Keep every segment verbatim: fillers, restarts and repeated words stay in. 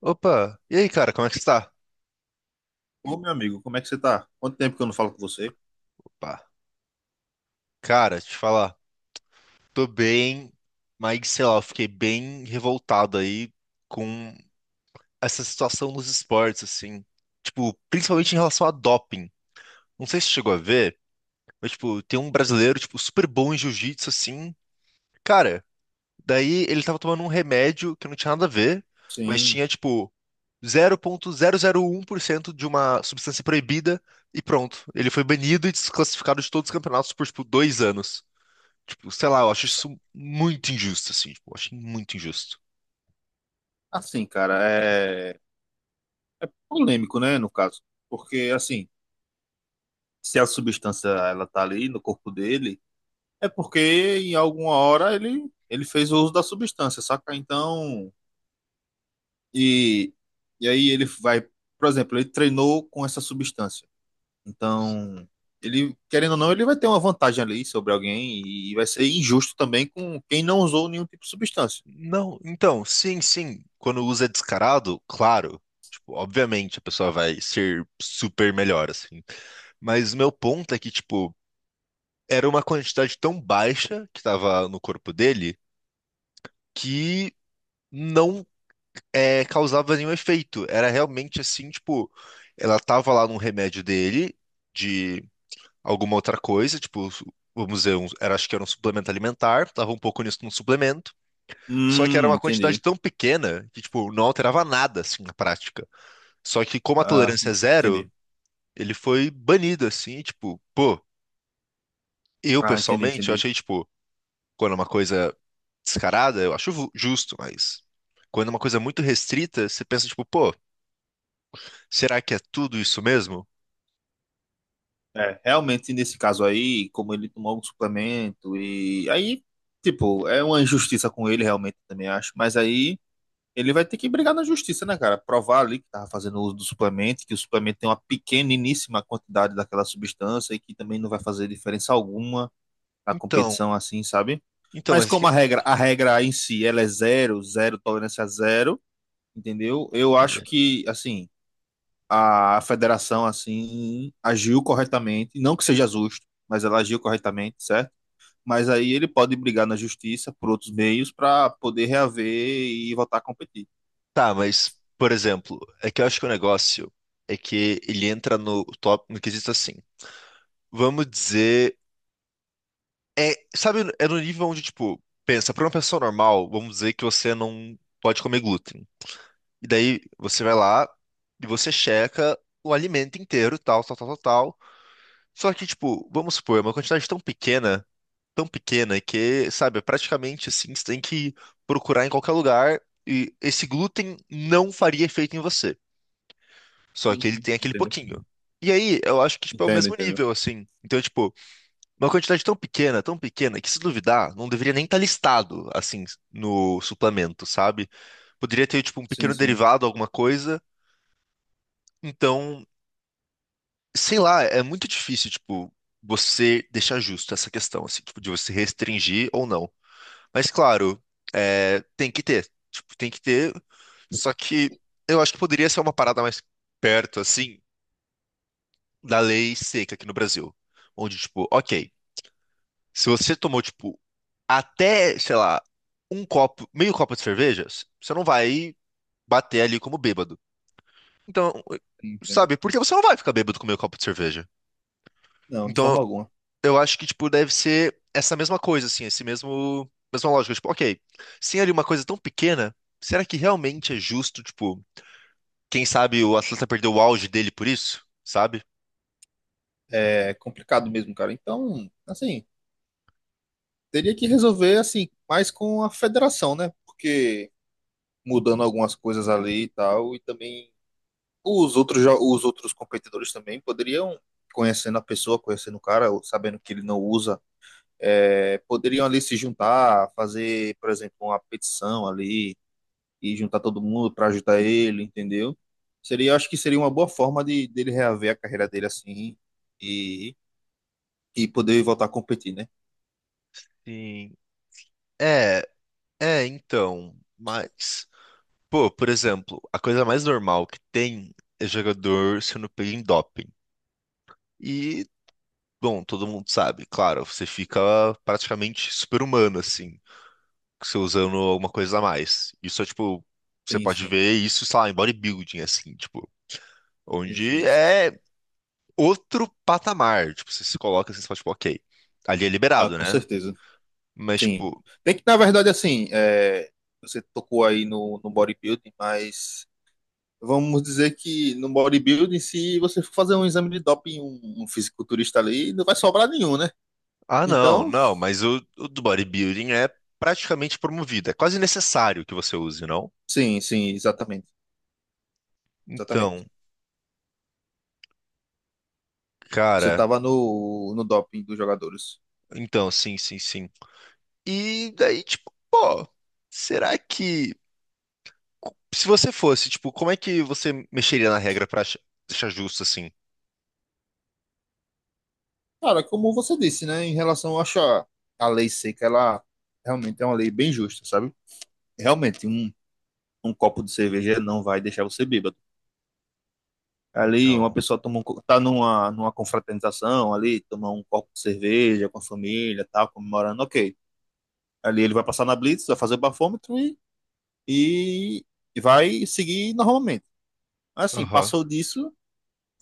Opa, e aí, cara, como é que você tá? Ô, meu amigo, como é que você tá? Quanto tempo que eu não falo com você? Opa, cara, te falar, tô bem, mas sei lá, eu fiquei bem revoltado aí com essa situação nos esportes, assim, tipo, principalmente em relação a doping. Não sei se você chegou a ver, mas, tipo, tem um brasileiro, tipo, super bom em jiu-jitsu, assim, cara, daí ele tava tomando um remédio que não tinha nada a ver, mas Sim. tinha tipo zero vírgula zero zero um por cento de uma substância proibida e pronto. Ele foi banido e desclassificado de todos os campeonatos por tipo dois anos. Tipo, sei lá, eu acho isso muito injusto, assim, tipo, eu acho muito injusto. Assim, cara, é polêmico, né, no caso. Porque, assim, se a substância ela tá ali no corpo dele, é porque em alguma hora ele, ele fez o uso da substância, saca? Então, e, e aí ele vai, por exemplo, ele treinou com essa substância. Então, ele, querendo ou não, ele vai ter uma vantagem ali sobre alguém e vai ser injusto também com quem não usou nenhum tipo de substância. Não, então, sim, sim. Quando usa descarado, claro. Tipo, obviamente a pessoa vai ser super melhor, assim. Mas o meu ponto é que, tipo, era uma quantidade tão baixa que tava no corpo dele que não é, causava nenhum efeito. Era realmente assim, tipo, ela tava lá num remédio dele, de alguma outra coisa, tipo, vamos dizer, um- era, acho que era um suplemento alimentar, tava um pouco nisso num suplemento, só que era Hum, uma quantidade entendi. tão pequena que, tipo, não alterava nada, assim, na prática. Só que como a Ah, tolerância é zero, entendi. ele foi banido, assim, tipo, pô, eu Ah, entendi, pessoalmente, eu entendi. achei, tipo, quando é uma coisa descarada, eu acho ju- justo, mas quando é uma coisa muito restrita, você pensa, tipo, pô, será que é tudo isso mesmo? É, realmente nesse caso aí, como ele tomou algum suplemento e aí, tipo, é uma injustiça com ele realmente também acho, mas aí ele vai ter que brigar na justiça, né, cara? Provar ali que tava fazendo uso do suplemento, que o suplemento tem uma pequeniníssima quantidade daquela substância e que também não vai fazer diferença alguma na Então, competição assim, sabe? então, Mas mas é como que- a regra, a regra em si, ela é zero, zero, tolerância zero, entendeu? Eu acho que, assim, a federação assim agiu corretamente, não que seja justo, mas ela agiu corretamente, certo? Mas aí ele pode brigar na justiça por outros meios para poder reaver e voltar a competir. Tá, mas por exemplo, é que eu acho que o negócio é que ele entra no top no quesito assim. Vamos dizer, é, sabe, é no nível onde tipo, pensa, para uma pessoa normal, vamos dizer que você não pode comer glúten. E daí você vai lá e você checa o alimento inteiro, tal, tal, tal, tal, tal. Só que tipo, vamos supor, é uma quantidade tão pequena tão pequena que, sabe, é praticamente assim, você tem que procurar em qualquer lugar e esse glúten não faria efeito em você. Só Sim, que ele sim, tem aquele entendo. pouquinho. E aí, eu acho que, tipo, é o Entendo, mesmo entendo. nível, assim. Então, tipo, uma quantidade tão pequena, tão pequena, que se duvidar, não deveria nem estar listado, assim, no suplemento, sabe? Poderia ter, tipo, um Sim, pequeno sim, derivado, alguma coisa. Então, sei lá, é muito difícil, tipo, você deixar justo essa questão, assim, tipo, de você restringir ou não. Mas claro, é, tem que ter. Tipo, tem que ter. Só que eu acho que poderia ser uma parada mais perto, assim, da lei seca aqui no Brasil. Onde, tipo, ok, se você tomou, tipo, até, sei lá, um copo, meio copo de cerveja, você não vai bater ali como bêbado. Então, entendo. sabe, porque você não vai ficar bêbado com meio copo de cerveja. Não, de Então, forma alguma. eu acho que, tipo, deve ser essa mesma coisa, assim, esse mesmo, mesma lógica. Tipo, ok, sem ali uma coisa tão pequena, será que realmente é justo, tipo, quem sabe o atleta perdeu o auge dele por isso, sabe? É complicado mesmo, cara. Então, assim, teria que resolver assim, mais com a federação, né? Porque mudando algumas coisas ali e tal, e também os outros, jo- os outros competidores também poderiam, conhecendo a pessoa, conhecendo o cara, ou sabendo que ele não usa, é, poderiam ali se juntar, fazer, por exemplo, uma petição ali e juntar todo mundo para ajudar ele, entendeu? Seria, acho que seria uma boa forma de dele reaver a carreira dele assim e, e poder voltar a competir, né? Sim. É, é, então, mas, pô, por exemplo, a coisa mais normal que tem é jogador sendo pego em doping. E, bom, todo mundo sabe, claro, você fica praticamente super-humano, assim. Você usando alguma coisa a mais. Isso é tipo, você Sim, pode sim, ver isso, sei lá, em bodybuilding, assim, tipo, sim, onde sim, sim, sim. é outro patamar. Tipo, você se coloca assim, você fala, tipo, ok, ali é Ah, liberado, com né? certeza. Mas, Sim. tipo, Tem que, na verdade, assim, é, você tocou aí no, no bodybuilding, mas vamos dizer que no bodybuilding, se você for fazer um exame de doping, um, um fisiculturista ali, não vai sobrar nenhum, né? ah, não, Então, não, mas o, o do bodybuilding é praticamente promovido. É quase necessário que você use, não? sim, sim, exatamente. Então, Exatamente. Você cara, estava no, no doping dos jogadores. então, sim, sim, sim. E daí, tipo, pô, será que. Se você fosse, tipo, como é que você mexeria na regra pra ach- deixar justo assim? Cara, como você disse, né? Em relação, eu acho a, a lei seca, ela realmente é uma lei bem justa, sabe? Realmente, um, um copo de cerveja não vai deixar você bêbado. Ali, uma Então, pessoa toma um, co- tá numa, numa confraternização ali, toma um copo de cerveja com a família, tal, comemorando, ok. Ali ele vai passar na blitz, vai fazer o bafômetro e, e, e vai seguir normalmente. Assim, aham. passou disso,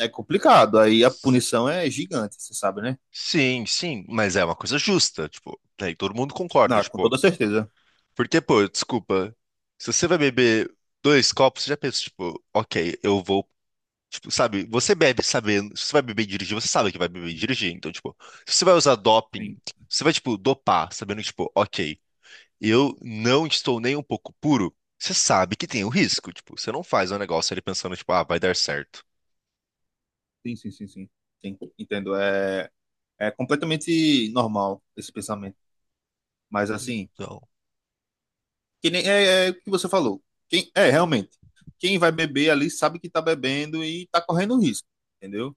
é complicado. Aí a S- punição é gigante, você sabe, né? Sim, sim, mas é uma coisa justa, tipo, daí todo mundo concorda, Não, com tipo, toda certeza. porque, pô, desculpa, se você vai beber dois copos, você já pensa, tipo, ok, eu vou, tipo, sabe, você bebe sabendo, se você vai beber e dirigir, você sabe que vai beber e dirigir, então, tipo, se você vai usar Sim, doping, você vai, tipo, dopar, sabendo que, tipo, ok, eu não estou nem um pouco puro, você sabe que tem o risco, tipo, você não faz um negócio ali pensando, tipo, ah, vai dar certo. sim, sim, sim, sim. Sim, entendo. É, é completamente normal esse pensamento. Mas assim, Então, que nem é, é o que você falou. Quem, é, realmente. Quem vai beber ali sabe que tá bebendo e tá correndo risco, entendeu?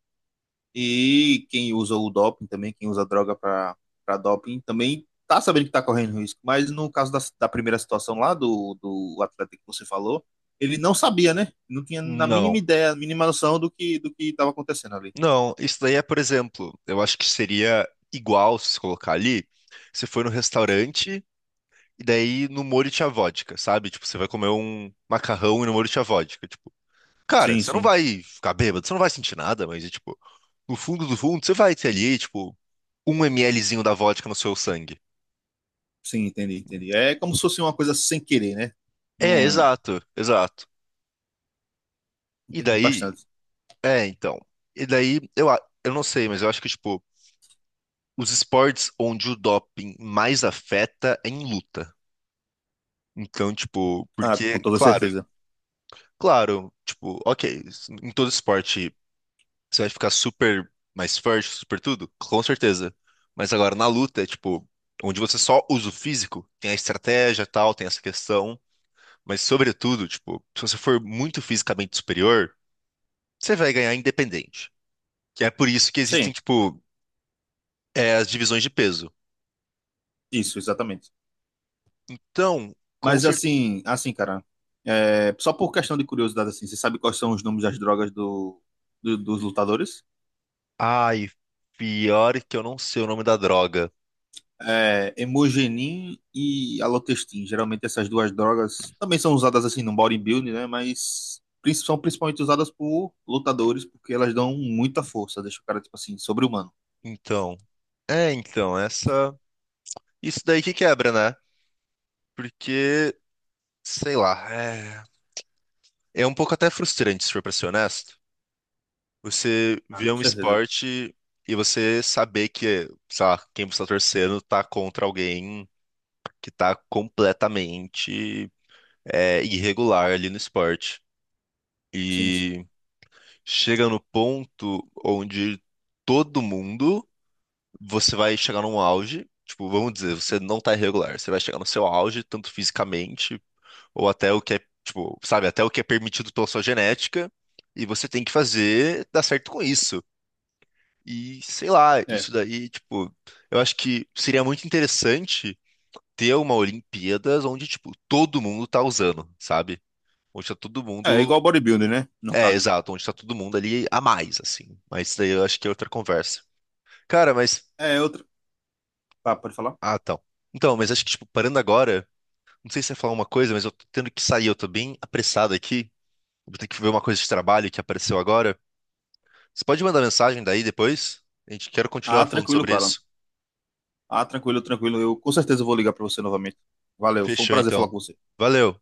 E quem usa o doping também, quem usa a droga para doping, também tá sabendo que está correndo risco. Mas no caso da, da primeira situação lá, do, do atleta que você falou, ele não sabia, né? Não tinha na mínima não. ideia, a mínima noção do que do que estava acontecendo ali. Não, isso daí é, por exemplo, eu acho que seria igual se colocar ali, você foi no restaurante e daí no molho tinha vodka, sabe? Tipo, você vai comer um macarrão e no molho tinha vodka, tipo. Cara, Sim, você não sim. vai ficar bêbado, você não vai sentir nada, mas, é, tipo, no fundo do fundo, você vai ter ali, tipo, um mlzinho da vodka no seu sangue. Sim, entendi, entendi. É como se fosse uma coisa sem querer, né? É, Não exato, exato. E entendi daí, bastante. é, então. E daí, eu, a- eu não sei, mas eu acho que, tipo, os esportes onde o doping mais afeta é em luta. Então, tipo, Ah, com porque, toda claro, certeza. claro, tipo, ok, em todo esporte você vai ficar super mais forte, super tudo, com certeza. Mas agora na luta, é tipo, onde você só usa o físico, tem a estratégia e tal, tem essa questão, mas sobretudo, tipo, se você for muito fisicamente superior, você vai ganhar independente. Que é por isso que existem, Sim, tipo, é, as divisões de peso. isso, exatamente. Então, com Mas certeza. assim, assim, cara, é, só por questão de curiosidade, assim, você sabe quais são os nomes das drogas do, do- dos lutadores? Ai, pior que eu não sei o nome da droga. É, Hemogenin e Alotestin. Geralmente essas duas drogas também são usadas assim no bodybuilding, né? Mas prin- são principalmente usadas por lutadores porque elas dão muita força, deixa o cara, tipo assim, sobre-humano. Então. É, então, essa. Isso daí que quebra, né? Porque, sei lá, é, é um pouco até frustrante, se for pra ser honesto. Você Ah, vê com um certeza. esporte e você saber que, sei lá, quem você tá torcendo tá contra alguém que tá completamente é, irregular ali no esporte. Sim, sim. E chega no ponto onde todo mundo, você vai chegar num auge. Tipo, vamos dizer, você não tá irregular, você vai chegar no seu auge, tanto fisicamente ou até o que é, tipo, sabe, até o que é permitido pela sua genética, e você tem que fazer dar certo com isso. E sei lá, É. isso daí, tipo, eu acho que seria muito interessante ter uma Olimpíadas onde, tipo, todo mundo tá usando, sabe? Onde tá todo É mundo. igual bodybuilding, né? No É, caso. exato, onde tá todo mundo ali a mais, assim. Mas isso daí eu acho que é outra conversa. Cara, mas. É outra. Tá, pode falar? Ah, então. Então, mas acho que, tipo, parando agora, não sei se você ia falar uma coisa, mas eu tô tendo que sair, eu tô bem apressado aqui. Eu vou ter que ver uma coisa de trabalho que apareceu agora. Você pode mandar mensagem daí depois? A gente quer continuar Ah, falando tranquilo, sobre cara. isso. Ah, tranquilo, tranquilo. Eu com certeza vou ligar para você novamente. Valeu, foi um Fechou, prazer falar então. com você. Valeu.